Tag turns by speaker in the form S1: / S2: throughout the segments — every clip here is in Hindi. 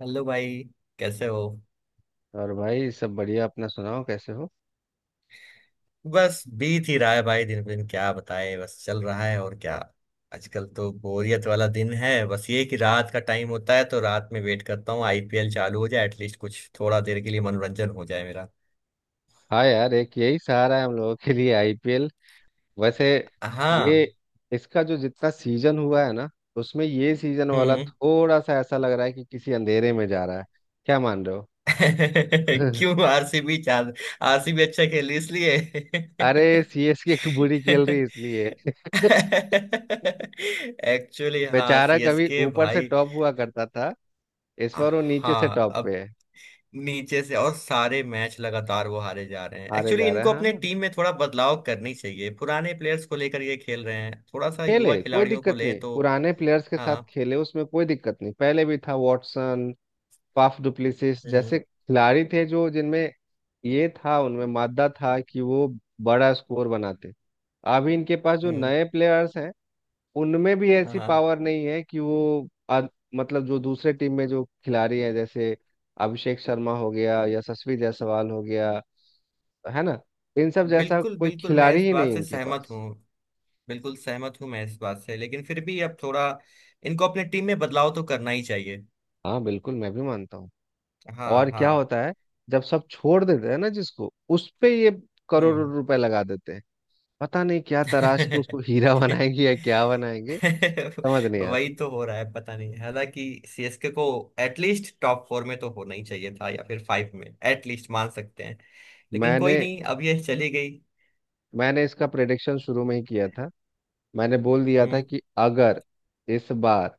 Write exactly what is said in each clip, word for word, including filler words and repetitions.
S1: हेलो भाई, कैसे हो?
S2: और भाई सब बढ़िया। अपना सुनाओ कैसे हो।
S1: बस बीत ही रहा है भाई। दिन पे दिन क्या बताए, बस चल रहा है और क्या। आजकल तो बोरियत वाला दिन है, बस ये कि रात का टाइम होता है तो रात में वेट करता हूँ आईपीएल चालू हो जाए, एटलीस्ट कुछ थोड़ा देर के लिए मनोरंजन हो जाए मेरा।
S2: हाँ यार, एक यही सहारा है हम लोगों के लिए आईपीएल। वैसे ये
S1: हाँ।
S2: इसका जो जितना सीजन हुआ है ना, उसमें ये सीजन
S1: हम्म
S2: वाला
S1: हम्म।
S2: थोड़ा सा ऐसा लग रहा है कि किसी अंधेरे में जा रहा है। क्या मान रहे हो?
S1: क्यों? आरसीबी चाल आरसीबी अच्छा खेली इसलिए।
S2: अरे सीएसके की बुरी खेल रही है इसलिए।
S1: एक्चुअली हाँ,
S2: बेचारा कभी
S1: सीएसके
S2: ऊपर से
S1: भाई।
S2: टॉप हुआ करता था, इस बार वो नीचे से
S1: हाँ,
S2: टॉप पे
S1: अब
S2: है।
S1: नीचे से और सारे मैच लगातार वो हारे जा रहे हैं।
S2: हारे
S1: एक्चुअली
S2: जा
S1: इनको
S2: रहा है,
S1: अपने
S2: हाँ।
S1: टीम में थोड़ा बदलाव करनी चाहिए, पुराने प्लेयर्स को लेकर ये खेल रहे हैं, थोड़ा सा युवा
S2: खेले कोई
S1: खिलाड़ियों को
S2: दिक्कत
S1: ले
S2: नहीं,
S1: तो।
S2: पुराने प्लेयर्स के साथ
S1: हाँ।
S2: खेले उसमें कोई दिक्कत नहीं। पहले भी था वॉटसन, फाफ डुप्लेसिस जैसे
S1: हम्म
S2: खिलाड़ी थे, जो जिनमें ये था उनमें मादा था कि वो बड़ा स्कोर बनाते। अभी इनके पास जो
S1: हम्म,
S2: नए प्लेयर्स हैं उनमें भी
S1: हाँ
S2: ऐसी
S1: हाँ।
S2: पावर नहीं है कि वो अ- मतलब जो दूसरे टीम में जो खिलाड़ी हैं, जैसे अभिषेक शर्मा हो गया, यशस्वी जायसवाल हो गया, है ना, इन सब जैसा
S1: बिल्कुल
S2: कोई
S1: बिल्कुल, मैं
S2: खिलाड़ी
S1: इस
S2: ही नहीं
S1: बात
S2: है
S1: से
S2: इनके
S1: सहमत हूँ।
S2: पास।
S1: बिल्कुल सहमत हूँ मैं इस बात से, लेकिन फिर भी अब थोड़ा इनको अपने टीम में बदलाव तो करना ही चाहिए।
S2: हाँ बिल्कुल, मैं भी मानता हूँ।
S1: हाँ
S2: और क्या
S1: हाँ।
S2: होता है, जब सब छोड़ देते हैं ना जिसको उस पे ये करोड़ों
S1: हम्म।
S2: रुपए लगा देते हैं। पता नहीं क्या तराश के उसको हीरा बनाएंगे या क्या बनाएंगे, समझ नहीं आता।
S1: वही तो हो रहा है पता नहीं। हालांकि सीएसके को एटलीस्ट टॉप फोर में तो होना ही चाहिए था या फिर फाइव में एटलीस्ट मान सकते हैं। लेकिन
S2: मैंने
S1: कोई नहीं, अब ये चली गई।
S2: मैंने इसका प्रेडिक्शन शुरू में ही किया था। मैंने बोल दिया था
S1: हम्म
S2: कि अगर इस बार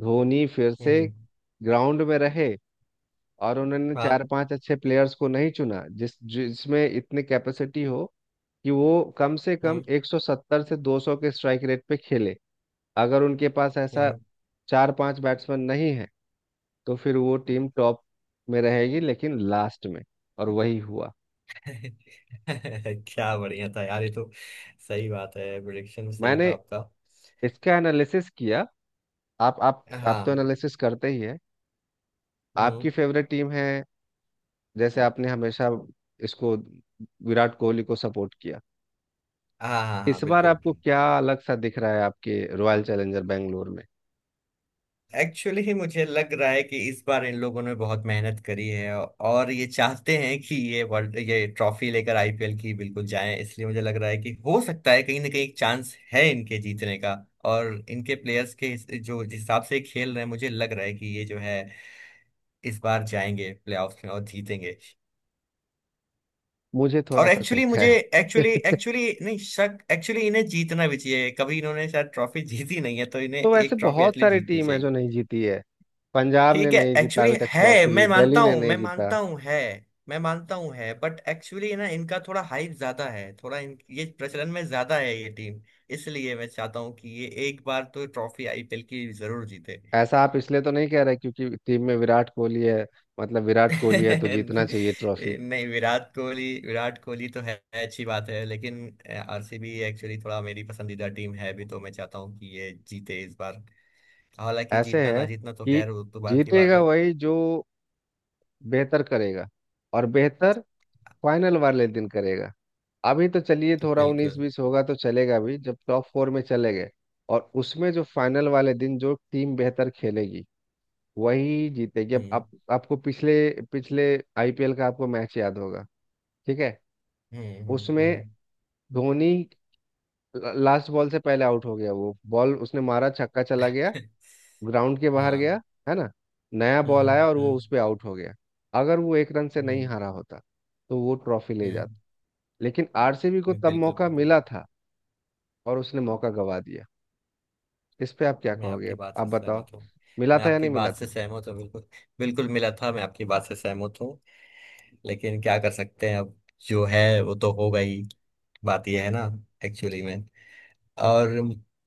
S2: धोनी फिर से
S1: हम्म।
S2: ग्राउंड में रहे और उन्होंने चार
S1: हाँ।
S2: पांच अच्छे प्लेयर्स को नहीं चुना जिस जिसमें इतनी कैपेसिटी हो कि वो कम से कम
S1: हम्म
S2: एक सौ सत्तर से दो सौ के स्ट्राइक रेट पे खेले, अगर उनके पास ऐसा
S1: हम्म।
S2: चार पांच बैट्समैन नहीं है, तो फिर वो टीम टॉप में रहेगी लेकिन लास्ट में। और वही हुआ।
S1: क्या बढ़िया था यार ये तो। सही बात है, प्रिडिक्शन सही
S2: मैंने
S1: था आपका।
S2: इसका एनालिसिस किया। आप आप आप तो
S1: हाँ।
S2: एनालिसिस करते ही है,
S1: हम्म।
S2: आपकी फेवरेट टीम है। जैसे आपने हमेशा इसको विराट कोहली को सपोर्ट किया,
S1: हाँ हाँ हाँ,
S2: इस बार
S1: बिल्कुल।
S2: आपको क्या अलग सा दिख रहा है आपके रॉयल चैलेंजर बेंगलोर में?
S1: एक्चुअली ही मुझे लग रहा है कि इस बार इन लोगों ने बहुत मेहनत करी है। और ये चाहते हैं कि ये वर्ल्ड ये ट्रॉफी लेकर आईपीएल की बिल्कुल जाएं, इसलिए मुझे लग रहा है कि हो सकता है कहीं ना कहीं चांस है इनके जीतने का। और इनके प्लेयर्स के हिस- जो जिस हिसाब से खेल रहे हैं मुझे लग रहा है कि ये जो है इस बार जाएंगे प्लेऑफ्स में और जीतेंगे।
S2: मुझे थोड़ा
S1: और
S2: सा
S1: एक्चुअली
S2: शक
S1: मुझे
S2: है।
S1: एक्चुअली एक्चुअली नहीं, शक। एक्चुअली इन्हें जीतना भी चाहिए, कभी इन्होंने शायद ट्रॉफी जीती नहीं है, तो इन्हें
S2: तो वैसे
S1: एक ट्रॉफी
S2: बहुत
S1: एटलीस्ट
S2: सारी
S1: जीतनी।
S2: टीम है जो नहीं जीती है। पंजाब ने
S1: ठीक है,
S2: नहीं जीता
S1: एक्चुअली
S2: अभी तक
S1: है।
S2: ट्रॉफी,
S1: मैं
S2: दिल्ली
S1: मानता
S2: ने
S1: हूँ
S2: नहीं
S1: मैं
S2: जीता।
S1: मानता हूँ है। मैं मानता हूँ है, बट एक्चुअली ना इनका थोड़ा हाइप ज्यादा है, थोड़ा इन, ये प्रचलन में ज्यादा है ये टीम। इसलिए मैं चाहता हूँ कि ये एक बार तो ट्रॉफी आईपीएल की जरूर जीते।
S2: ऐसा आप इसलिए तो नहीं कह रहे क्योंकि टीम में विराट कोहली है? मतलब विराट कोहली है तो जीतना चाहिए ट्रॉफी?
S1: नहीं, विराट कोहली, विराट कोहली तो है, अच्छी बात है। लेकिन आरसीबी एक्चुअली थोड़ा मेरी पसंदीदा टीम है भी, तो मैं चाहता हूँ कि ये जीते इस बार। हालांकि
S2: ऐसे
S1: जीतना ना
S2: है
S1: जीतना तो
S2: कि
S1: खैर, वो तो बात की बात
S2: जीतेगा
S1: है।
S2: वही जो बेहतर करेगा और बेहतर फाइनल वाले दिन करेगा। अभी तो चलिए, थोड़ा उन्नीस
S1: बिल्कुल।
S2: बीस होगा तो चलेगा भी, जब टॉप फोर में चले गए। और उसमें जो फाइनल वाले दिन जो टीम बेहतर खेलेगी वही जीतेगी। अब
S1: हम्म
S2: आप, आपको पिछले पिछले आईपीएल का आपको मैच याद होगा, ठीक है।
S1: हम्म हम्म
S2: उसमें
S1: हम्म।
S2: धोनी लास्ट बॉल से पहले आउट हो गया, वो बॉल उसने मारा, छक्का चला गया, ग्राउंड के बाहर
S1: हाँ।
S2: गया, है ना। नया
S1: हम्म
S2: बॉल
S1: हम्म
S2: आया और वो
S1: हम्म
S2: उस पे आउट हो गया। अगर वो एक रन से नहीं
S1: हम्म,
S2: हारा होता तो वो ट्रॉफी ले जाता। लेकिन आरसीबी को
S1: हम्म,
S2: तब
S1: बिल्कुल
S2: मौका
S1: बिल्कुल।
S2: मिला था और उसने मौका गवा दिया। इस पे आप क्या
S1: मैं
S2: कहोगे?
S1: आपकी बात
S2: आप
S1: से
S2: बताओ,
S1: सहमत हूँ।
S2: मिला
S1: मैं
S2: था या
S1: आपकी
S2: नहीं मिला
S1: बात से
S2: था?
S1: सहमत हूँ, बिल्कुल। बिल्कुल मिला था, मैं आपकी बात से सहमत हूँ। लेकिन क्या कर सकते हैं अब? जो है वो तो हो गई। बात यह है ना, एक्चुअली में। और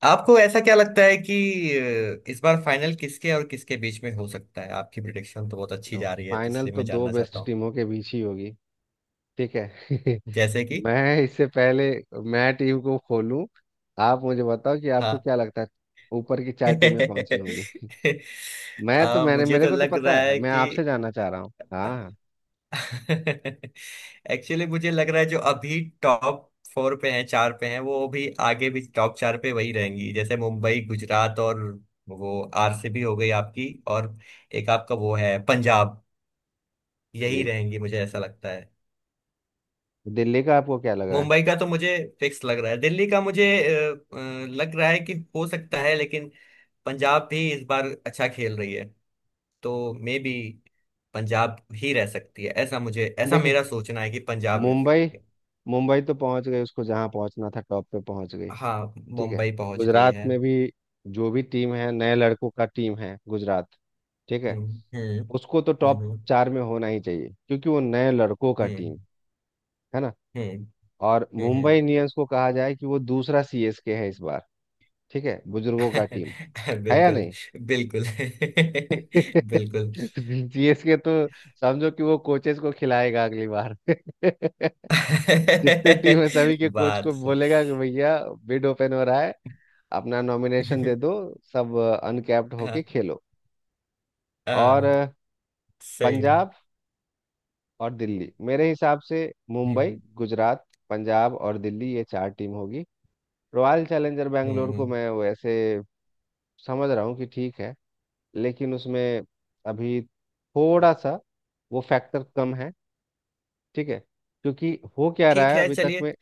S1: आपको ऐसा क्या लगता है कि अ, इस बार फाइनल किसके और किसके बीच में हो सकता है? आपकी प्रिडिक्शन तो बहुत अच्छी
S2: दो
S1: जा रही है, तो
S2: फाइनल
S1: इसलिए
S2: तो
S1: मैं
S2: दो
S1: जानना चाहता
S2: बेस्ट
S1: हूँ।
S2: टीमों के बीच ही होगी, ठीक है।
S1: जैसे कि।
S2: मैं इससे पहले मैं टीम को खोलूं, आप मुझे बताओ कि आपको
S1: हाँ।
S2: क्या लगता है ऊपर की चार टीमें कौन सी होंगी। मैं तो,
S1: आ,
S2: मैंने,
S1: मुझे
S2: मेरे
S1: तो
S2: को तो
S1: लग
S2: पता
S1: रहा
S2: है,
S1: है
S2: मैं
S1: कि।
S2: आपसे जानना चाह रहा हूँ, हाँ।
S1: एक्चुअली मुझे लग रहा है जो अभी टॉप फोर पे हैं, चार पे हैं, वो भी आगे भी टॉप चार पे वही रहेंगी। जैसे मुंबई, गुजरात और वो आरसीबी हो गई आपकी, और एक आपका वो है पंजाब। यही
S2: जी,
S1: रहेंगी मुझे ऐसा लगता है।
S2: दिल्ली का आपको क्या लग रहा है?
S1: मुंबई का तो मुझे फिक्स लग रहा है। दिल्ली का मुझे अ, अ, लग रहा है कि हो सकता है, लेकिन पंजाब भी इस बार अच्छा खेल रही है। तो मे बी पंजाब ही रह सकती है, ऐसा मुझे ऐसा
S2: देखिए,
S1: मेरा सोचना है कि पंजाब रह
S2: मुंबई
S1: सकती है।
S2: मुंबई तो पहुंच गई, उसको जहाँ पहुंचना था टॉप पे पहुंच गई,
S1: हाँ,
S2: ठीक है।
S1: मुंबई पहुंच गई
S2: गुजरात
S1: है।
S2: में भी जो भी टीम है नए लड़कों का टीम है गुजरात, ठीक है।
S1: हम्म हम्म
S2: उसको तो टॉप
S1: हम्म
S2: चार में होना ही चाहिए क्योंकि वो नए लड़कों का
S1: हम्म
S2: टीम है ना।
S1: हम्म
S2: और
S1: हम्म,
S2: मुंबई
S1: हम्म।
S2: इंडियंस को कहा जाए कि वो दूसरा सीएसके है इस बार। ठीक है, बुजुर्गों का टीम है या
S1: बिल्कुल
S2: नहीं?
S1: बिल्कुल। बिल्कुल।
S2: सीएसके तो समझो कि वो कोचेस को खिलाएगा अगली बार। जितने टीम है सभी के कोच को
S1: बात से-
S2: बोलेगा कि भैया बिड ओपन हो रहा है, अपना नॉमिनेशन दे दो, सब अनकैप्ड होके
S1: हाँ
S2: खेलो। और
S1: हाँ,
S2: अ,
S1: सही है।
S2: पंजाब और दिल्ली मेरे हिसाब से मुंबई,
S1: हम्म
S2: गुजरात, पंजाब और दिल्ली, ये चार टीम होगी। रॉयल चैलेंजर बैंगलोर को
S1: हम्म।
S2: मैं वैसे समझ रहा हूँ कि ठीक है, लेकिन उसमें अभी थोड़ा सा वो फैक्टर कम है, ठीक है। क्योंकि हो क्या रहा
S1: ठीक
S2: है
S1: है,
S2: अभी तक
S1: चलिए।
S2: में,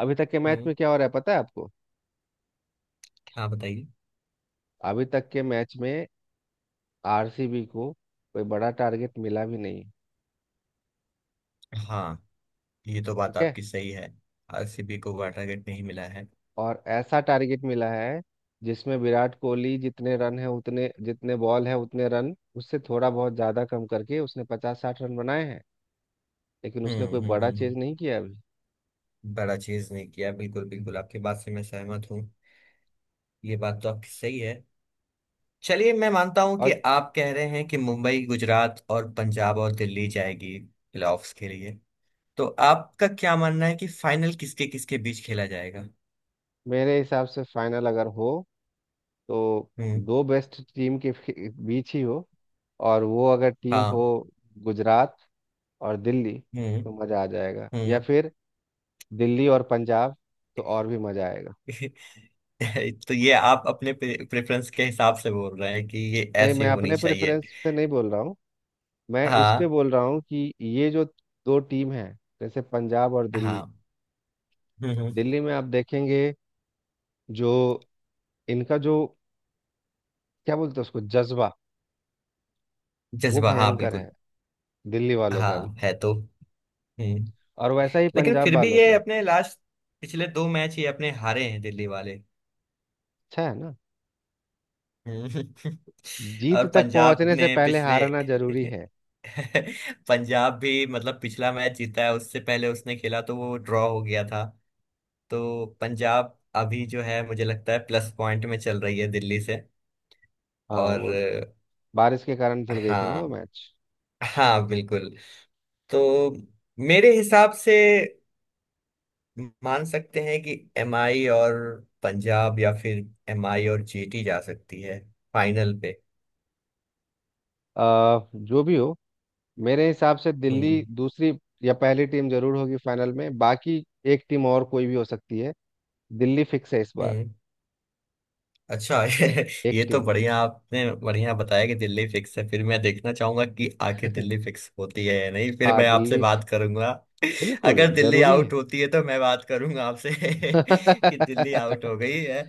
S2: अभी तक के मैच
S1: हम्म।
S2: में क्या हो रहा है पता है आपको?
S1: हाँ, बताइए।
S2: अभी तक के मैच में आरसीबी को कोई बड़ा टारगेट मिला भी नहीं,
S1: हाँ, ये तो बात
S2: ठीक है।
S1: आपकी सही है। आरसीबी को वाटर गेट नहीं मिला है।
S2: और ऐसा टारगेट मिला है जिसमें विराट कोहली जितने रन है उतने जितने बॉल है उतने रन उससे थोड़ा बहुत ज्यादा कम करके उसने पचास साठ रन बनाए हैं, लेकिन
S1: हम्म
S2: उसने कोई
S1: हम्म
S2: बड़ा
S1: हम्म
S2: चेज
S1: हम्म।
S2: नहीं किया अभी।
S1: बड़ा चीज नहीं किया, बिल्कुल बिल्कुल आपकी बात से मैं सहमत हूँ। ये बात तो आपकी सही है। चलिए, मैं मानता हूं कि
S2: और
S1: आप कह रहे हैं कि मुंबई, गुजरात और पंजाब और दिल्ली जाएगी प्लेऑफ्स के लिए। तो आपका क्या मानना है कि फाइनल किसके किसके बीच खेला जाएगा?
S2: मेरे हिसाब से फाइनल अगर हो तो
S1: हम्म।
S2: दो बेस्ट टीम के फि- बीच ही हो, और वो अगर टीम हो
S1: हाँ।
S2: गुजरात और दिल्ली तो
S1: हम्म
S2: मज़ा आ जाएगा, या
S1: हम्म।
S2: फिर दिल्ली और पंजाब तो और भी मज़ा आएगा।
S1: तो ये आप अपने प्रेफरेंस के हिसाब से बोल रहे हैं कि ये
S2: नहीं,
S1: ऐसी
S2: मैं
S1: होनी
S2: अपने
S1: चाहिए?
S2: प्रेफरेंस से नहीं बोल रहा हूँ। मैं इस पे
S1: हाँ
S2: बोल रहा हूँ कि ये जो दो टीम है जैसे पंजाब और दिल्ली।
S1: हाँ। हम्म हम्म,
S2: दिल्ली में आप देखेंगे जो इनका जो क्या बोलते हैं उसको, जज्बा, वो
S1: जज्बा हाँ
S2: भयंकर है
S1: बिल्कुल।
S2: दिल्ली वालों का भी,
S1: हाँ है तो। हम्म।
S2: और वैसा ही
S1: लेकिन
S2: पंजाब
S1: फिर भी
S2: वालों का
S1: ये
S2: है।
S1: अपने लास्ट पिछले दो मैच ये अपने हारे हैं, दिल्ली वाले।
S2: अच्छा है ना,
S1: हम्म।
S2: जीत
S1: और
S2: तक
S1: पंजाब
S2: पहुंचने से
S1: ने
S2: पहले
S1: पिछले।
S2: हारना जरूरी है।
S1: पंजाब भी मतलब पिछला मैच जीता है, उससे पहले उसने खेला तो वो ड्रॉ हो गया था। तो पंजाब अभी जो है मुझे लगता है प्लस पॉइंट में चल रही है दिल्ली से।
S2: हाँ,
S1: और।
S2: वो बारिश के कारण
S1: अ,
S2: धुल गई थी ना वो
S1: हाँ।
S2: मैच।
S1: हाँ, बिल्कुल। तो मेरे हिसाब से मान सकते हैं कि एमआई और पंजाब या फिर एमआई और जीटी जा सकती है फाइनल पे।
S2: आ, जो भी हो, मेरे हिसाब से
S1: हम्म
S2: दिल्ली दूसरी या पहली टीम जरूर होगी फाइनल में। बाकी एक टीम और कोई भी हो सकती है। दिल्ली फिक्स है इस बार।
S1: हम्म। अच्छा।
S2: एक
S1: ये तो
S2: टीम।
S1: बढ़िया, आपने बढ़िया बताया कि दिल्ली फिक्स है। फिर मैं देखना चाहूंगा कि आखिर दिल्ली फिक्स होती है या नहीं, फिर
S2: हाँ
S1: मैं आपसे
S2: दिल्ली
S1: बात करूंगा।
S2: बिल्कुल
S1: अगर दिल्ली
S2: जरूरी है।
S1: आउट होती है तो मैं बात करूंगा आपसे कि दिल्ली आउट हो गई है।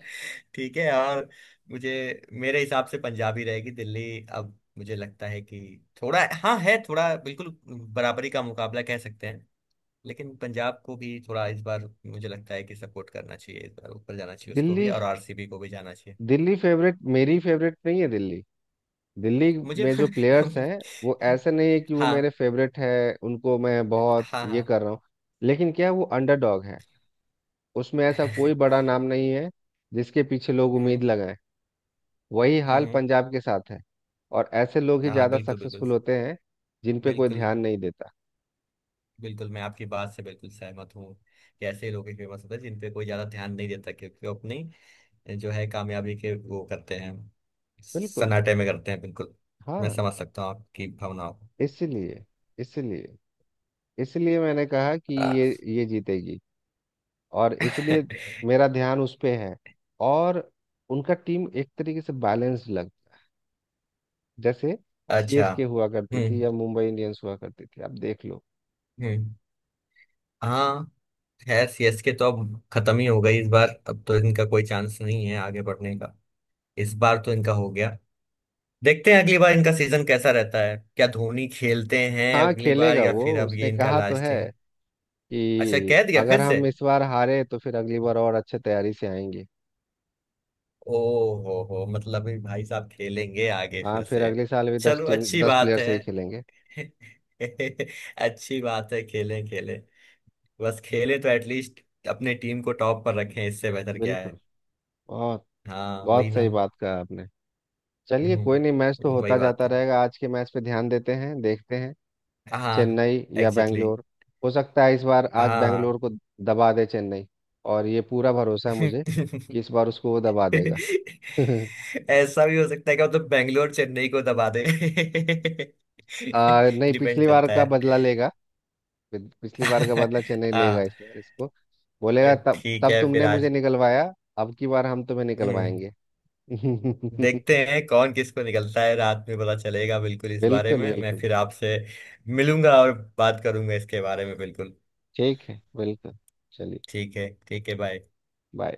S1: ठीक है। और मुझे मेरे हिसाब से पंजाब ही रहेगी, दिल्ली। अब मुझे लगता है कि थोड़ा हाँ है, थोड़ा बिल्कुल बराबरी का मुकाबला कह सकते हैं। लेकिन पंजाब को भी थोड़ा इस बार मुझे लगता है कि सपोर्ट करना चाहिए, इस बार ऊपर जाना चाहिए उसको भी,
S2: दिल्ली
S1: और आरसीबी को भी जाना चाहिए।
S2: दिल्ली फेवरेट, मेरी फेवरेट नहीं है दिल्ली। दिल्ली
S1: मुझे।
S2: में जो प्लेयर्स हैं वो ऐसे नहीं है कि वो मेरे
S1: हाँ
S2: फेवरेट है। उनको मैं बहुत
S1: हाँ
S2: ये
S1: हाँ।
S2: कर रहा हूँ, लेकिन क्या है, वो अंडरडॉग है। उसमें ऐसा कोई बड़ा नाम नहीं है जिसके पीछे लोग उम्मीद
S1: हम्म
S2: लगाएं। वही
S1: हम्म
S2: हाल
S1: हम्म।
S2: पंजाब के साथ है। और ऐसे लोग ही
S1: हाँ
S2: ज्यादा
S1: बिल्कुल बिल्कुल।
S2: सक्सेसफुल होते हैं जिन पे कोई
S1: बिल्कुल
S2: ध्यान नहीं देता।
S1: बिल्कुल मैं आपकी बात से बिल्कुल सहमत हूँ कि ऐसे लोग ही फेमस होते हैं जिन पे कोई ज्यादा ध्यान नहीं देता, क्योंकि वो अपनी जो है कामयाबी के वो करते हैं,
S2: बिल्कुल,
S1: सन्नाटे में करते हैं, बिल्कुल। मैं
S2: हाँ।
S1: समझ सकता हूँ आपकी भावनाओं को।
S2: इसीलिए इसीलिए इसलिए मैंने कहा कि
S1: आ,
S2: ये ये जीतेगी और इसलिए मेरा ध्यान उस पे है। और उनका टीम एक तरीके से बैलेंस्ड लगता है, जैसे
S1: अच्छा।
S2: सीएसके हुआ करती थी
S1: हम्म
S2: या मुंबई इंडियंस हुआ करती थी, आप देख लो।
S1: हम्म। हाँ, है। सीएसके तो अब खत्म ही हो गई इस बार, अब तो इनका कोई चांस नहीं है आगे बढ़ने का। इस बार तो इनका हो गया, देखते हैं अगली बार इनका सीजन कैसा रहता है, क्या धोनी खेलते हैं
S2: हाँ
S1: अगली बार
S2: खेलेगा
S1: या
S2: वो,
S1: फिर अब
S2: उसने
S1: ये इनका
S2: कहा तो है
S1: लास्ट है। अच्छा,
S2: कि
S1: कह दिया
S2: अगर
S1: फिर से।
S2: हम इस बार हारे तो फिर अगली बार और अच्छे तैयारी से आएंगे।
S1: ओ हो हो मतलब ये भाई साहब खेलेंगे आगे
S2: हाँ
S1: फिर
S2: फिर
S1: से।
S2: अगले साल भी दस
S1: चलो,
S2: टीम
S1: अच्छी
S2: दस
S1: बात
S2: प्लेयर
S1: है।
S2: से ही खेलेंगे।
S1: अच्छी बात है, खेलें खेलें। बस खेलें तो एटलीस्ट अपने टीम को टॉप पर रखें, इससे बेहतर क्या है।
S2: बिल्कुल, बहुत
S1: हाँ वही
S2: बहुत
S1: ना।
S2: सही बात कहा आपने। चलिए कोई नहीं, मैच तो
S1: हम्म, वही
S2: होता
S1: बात
S2: जाता
S1: है।
S2: रहेगा, आज के मैच पे ध्यान देते हैं, देखते हैं।
S1: हाँ।
S2: चेन्नई या
S1: एग्जैक्टली।
S2: बैंगलोर, हो सकता है इस बार आज
S1: हाँ।
S2: बैंगलोर को दबा दे चेन्नई, और ये पूरा भरोसा है मुझे कि इस बार उसको वो दबा देगा।
S1: ऐसा भी हो सकता है कि मतलब बैंगलोर चेन्नई को दबा दे।
S2: आ, नहीं,
S1: डिपेंड
S2: पिछली बार
S1: करता
S2: का
S1: है।
S2: बदला लेगा। पिछ- पिछली बार का बदला चेन्नई लेगा,
S1: हाँ।
S2: इस बार इसको बोलेगा तब
S1: ठीक
S2: तब
S1: है, फिर
S2: तुमने मुझे
S1: आज।
S2: निकलवाया, अब की बार हम तुम्हें
S1: हम्म,
S2: निकलवाएंगे।
S1: देखते हैं कौन किसको निकलता है, रात में पता चलेगा। बिल्कुल, इस बारे
S2: बिल्कुल
S1: में मैं
S2: बिल्कुल,
S1: फिर आपसे मिलूंगा और बात करूंगा इसके बारे में, बिल्कुल।
S2: ठीक है बिल्कुल। चलिए,
S1: ठीक है, ठीक है, बाय।
S2: बाय।